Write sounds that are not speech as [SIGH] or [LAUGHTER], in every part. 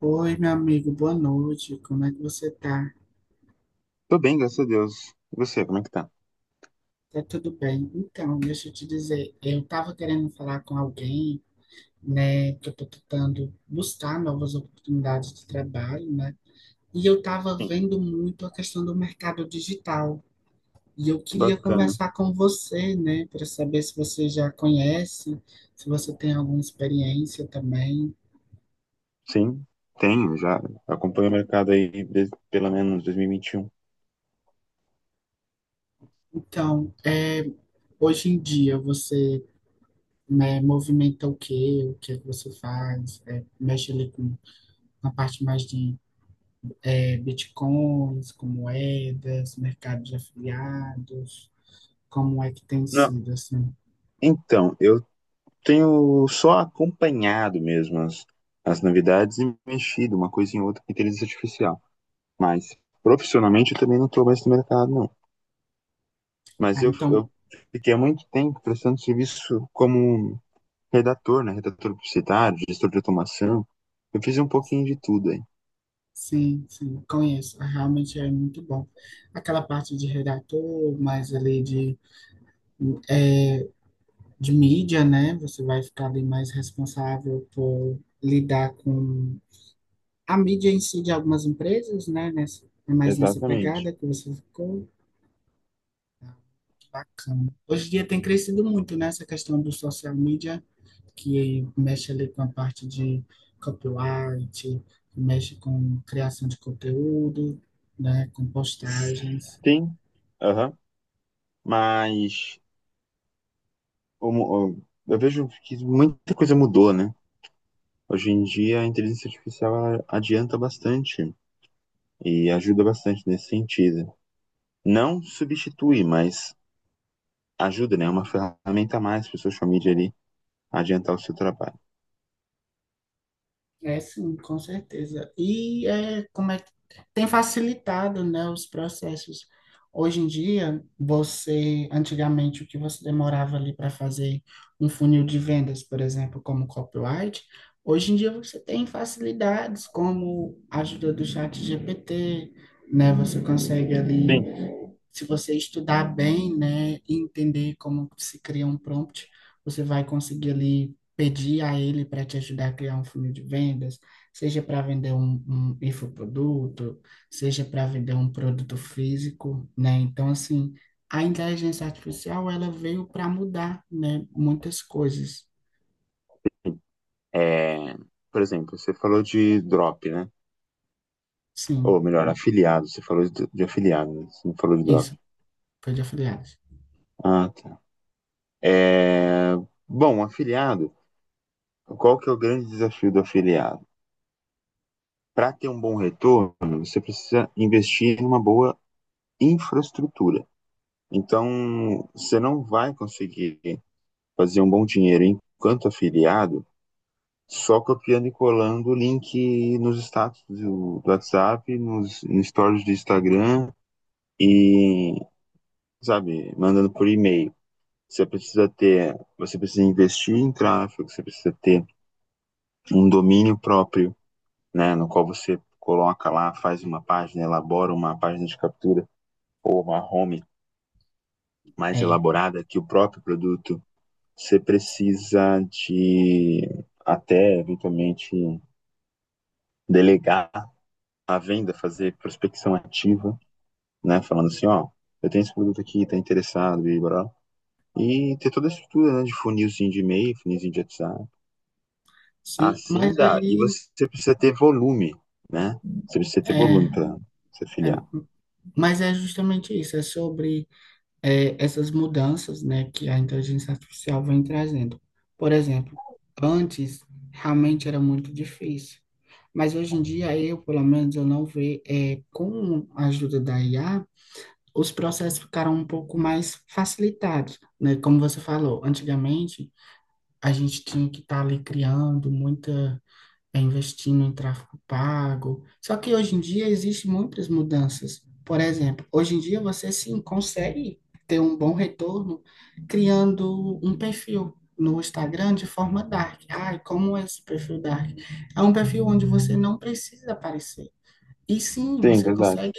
Oi, meu amigo, boa noite. Como é que você tá? Tô bem, graças a Deus. E você, como é que tá? Tá tudo bem? Então, deixa eu te dizer, eu tava querendo falar com alguém, né, que eu tô tentando buscar novas oportunidades de trabalho, né? E eu tava Sim. vendo muito a questão do mercado digital. E eu queria Bacana. conversar com você, né, para saber se você já conhece, se você tem alguma experiência também. Sim, tenho, já acompanho o mercado aí desde pelo menos 2021. Então, é, hoje em dia você né, movimenta o quê, o que é que você faz, é, mexe ali com a parte mais de é, bitcoins, com moedas, mercado de afiliados, como é que tem Não, sido, assim. então, eu tenho só acompanhado mesmo as novidades e mexido uma coisa em outra com inteligência artificial. Mas profissionalmente eu também não tô mais no mercado, não. Mas Ah, eu, então, eu fiquei há muito tempo prestando serviço como redator, né? Redator publicitário, gestor de automação. Eu fiz um pouquinho de tudo aí. sim, sim, conheço, Ah, realmente é muito bom. Aquela parte de redator, mais ali de mídia, né, você vai ficar ali mais responsável por lidar com a mídia em si de algumas empresas, né, nessa, é mais nessa Exatamente. pegada que você ficou. Bacana. Hoje em dia tem crescido muito, né, essa questão do social media, que mexe ali com a parte de copyright, que mexe com criação de conteúdo, né, com postagens. Sim, aham. Mas o mu- o- eu vejo que muita coisa mudou, né? Hoje em dia a inteligência artificial ela adianta bastante e ajuda bastante nesse sentido. Não substitui, mas ajuda, né? É uma ferramenta a mais para o social media ali adiantar o seu trabalho. É sim, com certeza. E é, como é que tem facilitado, né, os processos. Hoje em dia, você, antigamente, o que você demorava ali para fazer um funil de vendas, por exemplo, como copyright, hoje em dia você tem facilidades como a ajuda do chat GPT, né? Você consegue ali Sim. se você estudar bem, né, e entender como se cria um prompt, você vai conseguir ali pedir a ele para te ajudar a criar um funil de vendas, seja para vender um infoproduto, seja para vender um produto físico, né? Então, assim, a inteligência artificial, ela veio para mudar, né, muitas coisas. É, por exemplo, você falou de drop, né? Sim, Ou melhor, afiliado. Você falou de afiliado, né? Você não falou de drop. isso, foi de afiliados. Ah, tá. É, bom, afiliado. Qual que é o grande desafio do afiliado? Para ter um bom retorno, você precisa investir em uma boa infraestrutura. Então, você não vai conseguir fazer um bom dinheiro enquanto afiliado só copiando e colando o link nos status do WhatsApp, nos stories do Instagram e, sabe, mandando por e-mail. Você precisa ter, você precisa investir em tráfego, você precisa ter um domínio próprio, né, no qual você coloca lá, faz uma página, elabora uma página de captura ou uma home mais É, elaborada que o próprio produto, você precisa de até eventualmente delegar a venda, fazer prospecção ativa, né, falando assim, ó, eu tenho esse produto aqui, tá interessado, e blá, e ter toda a estrutura, né, de funilzinho de e-mail, funilzinho de WhatsApp. sim, Assim mas dá. E aí, você precisa ter volume, né? Você precisa ter é, volume para se é, afiliar. mas é justamente isso, é sobre é, essas mudanças, né, que a inteligência artificial vem trazendo. Por exemplo, antes realmente era muito difícil, mas hoje em dia eu, pelo menos, eu não vejo, é, com a ajuda da IA, os processos ficaram um pouco mais facilitados, né? Como você falou, antigamente a gente tinha que estar ali criando muita é investindo em tráfego pago. Só que hoje em dia existem muitas mudanças. Por exemplo, hoje em dia você sim consegue ter um bom retorno criando um perfil no Instagram de forma dark. Ai, como é esse perfil dark? É um perfil onde você não precisa aparecer. E sim, Sim, verdade.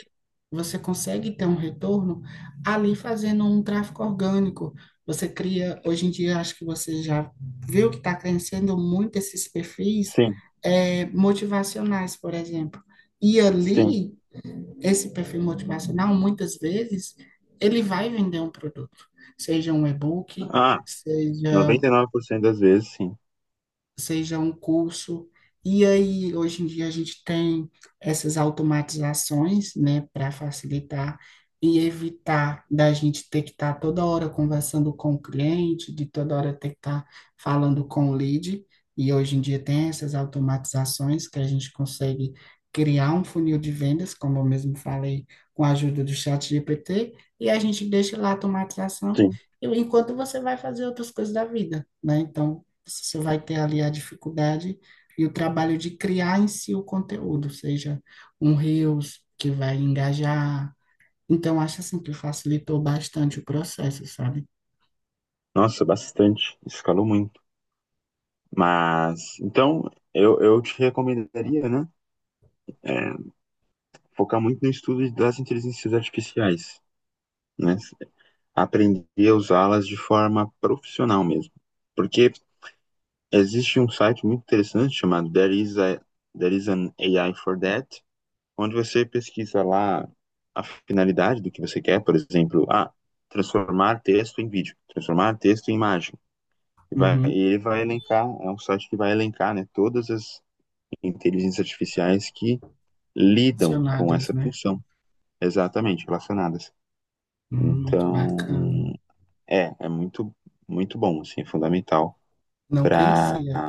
você consegue ter um retorno ali fazendo um tráfego orgânico. Você cria, hoje em dia, acho que você já viu que está crescendo muito esses perfis Sim, motivacionais, por exemplo. E sim. ali, esse perfil motivacional, muitas vezes, ele vai vender um produto, seja um e-book, Ah, seja 99% das vezes, sim. seja um curso. E aí, hoje em dia, a gente tem essas automatizações, né, para facilitar e evitar da gente ter que estar toda hora conversando com o cliente, de toda hora ter que estar falando com o lead. E hoje em dia tem essas automatizações que a gente consegue criar um funil de vendas, como eu mesmo falei, com a ajuda do chat GPT, e a gente deixa lá a automatização, Sim. enquanto você vai fazer outras coisas da vida, né? Então, você vai ter ali a dificuldade e o trabalho de criar em si o conteúdo, seja um Reels que vai engajar. Então, acho assim que facilitou bastante o processo, sabe? Nossa, bastante. Escalou muito. Mas, então, eu te recomendaria, né? É, focar muito no estudo das inteligências artificiais, né? Aprender a usá-las de forma profissional mesmo. Porque existe um site muito interessante chamado There is an AI for That, onde você pesquisa lá a finalidade do que você quer, por exemplo, ah, transformar texto em vídeo, transformar texto em imagem. E vai, e Uhum. ele vai elencar, é um site que vai elencar, né, todas as inteligências artificiais que lidam com Relacionadas, essa né? função, exatamente, relacionadas. Muito Então, bacana. é, é muito, muito bom, assim, é fundamental Não para, conhecia.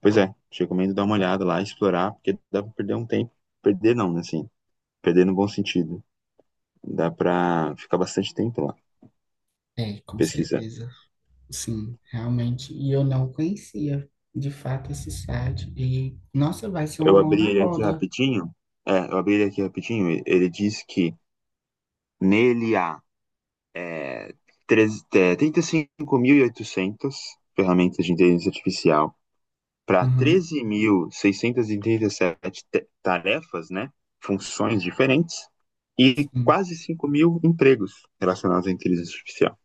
pois é, te recomendo dar uma olhada lá, explorar, porque dá para perder um tempo, perder não, né, assim, perder no bom sentido, dá para ficar bastante tempo lá É, com pesquisando. certeza. Sim, realmente. E eu não conhecia, de fato, esse site. E, nossa, vai ser uma Eu mão abri na ele aqui roda. rapidinho, ele diz que nele há é, 35.800 ferramentas de inteligência artificial para Uhum, 13.637 tarefas, né, funções diferentes, e sim. quase 5.000 empregos relacionados à inteligência artificial.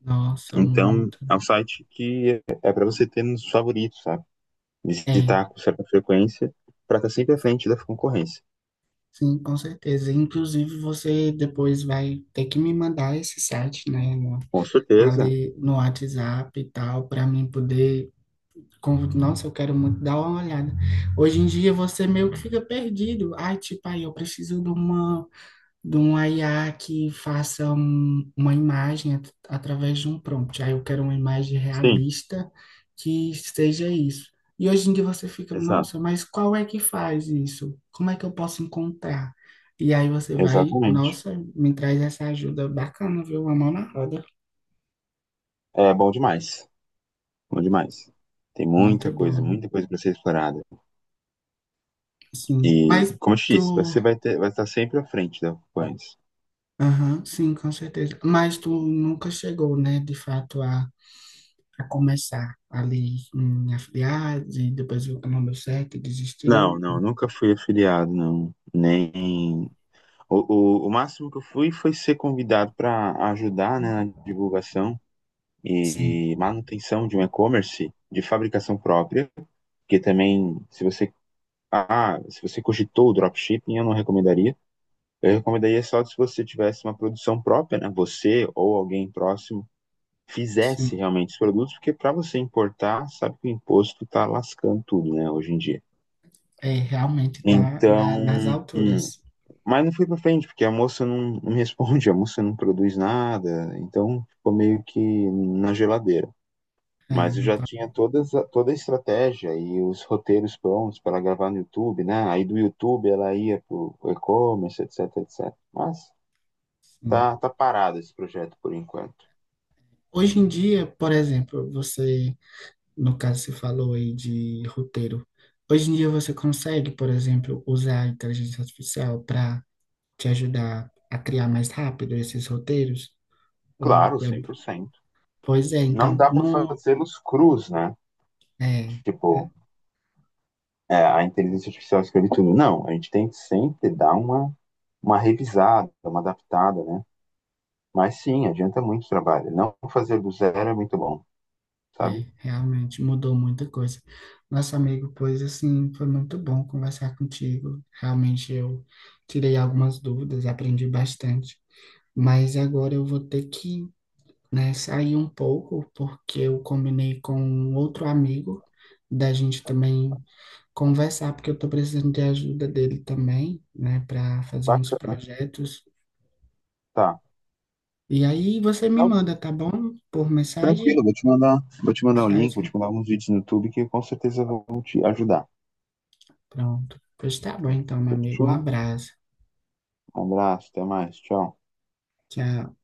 Nossa, Então, muito. é um site que é para você ter nos favoritos, sabe? É, Visitar com certa frequência para estar sempre à frente da concorrência. sim, com certeza. Inclusive, você depois vai ter que me mandar esse site, né, no- Com certeza, ali no WhatsApp e tal, para mim poder. Con- Nossa, eu quero muito dar uma olhada. Hoje em dia você meio que fica perdido. Ai, tipo, aí eu preciso de uma IA que faça um- uma imagem at- através de um prompt. Aí eu quero uma imagem sim, realista que seja isso. E hoje em dia você fica, exato, nossa, mas qual é que faz isso? Como é que eu posso encontrar? E aí você vai, exatamente. nossa, me traz essa ajuda bacana, viu? Uma mão na roda. É bom demais. Bom demais. Tem Muito bom. muita coisa para ser explorada. Sim. E, Mas como eu te tu, disse, você vai ter, vai estar sempre à frente da Ocupantes. aham, sim, com certeza. Mas tu nunca chegou, né, de fato, a começar ali em afiliados e depois viu que não deu certo, Não, desistiu. não, nunca fui afiliado, não. Nem. O, o máximo que eu fui foi ser convidado para ajudar, né, na divulgação Sim, e manutenção de um e-commerce de fabricação própria, que também, se você. Ah, se você cogitou o dropshipping, eu não recomendaria. Eu recomendaria só se você tivesse uma produção própria, né? Você ou alguém próximo fizesse sim. realmente os produtos, porque para você importar, sabe que o imposto está lascando tudo, né, hoje em dia. É, realmente está Então, na, nas hum, alturas. mas não foi para frente, porque a moça não, não me responde, [LAUGHS] a moça não produz nada, então ficou meio que na geladeira. É, Mas eu no, já pa- tinha toda a estratégia e os roteiros prontos para gravar no YouTube, né? Aí do YouTube ela ia para e-commerce, etc, etc. Mas tá, sim. tá parado esse projeto por enquanto. Hoje em dia, por exemplo, você, no caso, você falou aí de roteiro. Hoje em dia você consegue, por exemplo, usar a inteligência artificial para te ajudar a criar mais rápido esses roteiros? Ou, Claro, é, 100%. pois é, Não então, dá para no, fazê-los cruz, né? é, Tipo, é, a inteligência artificial escreve tudo. Não, a gente tem que sempre dar uma revisada, uma adaptada, né? Mas sim, adianta muito trabalho. Não fazer do zero é muito bom, sabe? é, realmente mudou muita coisa. Nosso amigo, pois assim, foi muito bom conversar contigo. Realmente eu tirei algumas dúvidas, aprendi bastante. Mas agora eu vou ter que, né, sair um pouco, porque eu combinei com um outro amigo da gente também conversar, porque eu tô precisando de ajuda dele também, né, para fazer uns Bacana. projetos. Tá. E aí você me Não, manda, tá bom? Por tranquilo, mensagem? Vou te mandar um link, vou te Mensagem? mandar alguns vídeos no YouTube que com certeza vão te ajudar. Pronto. Pois tá bom, então, meu amigo. Um Fechou? abraço. Um abraço, até mais, tchau. Tchau.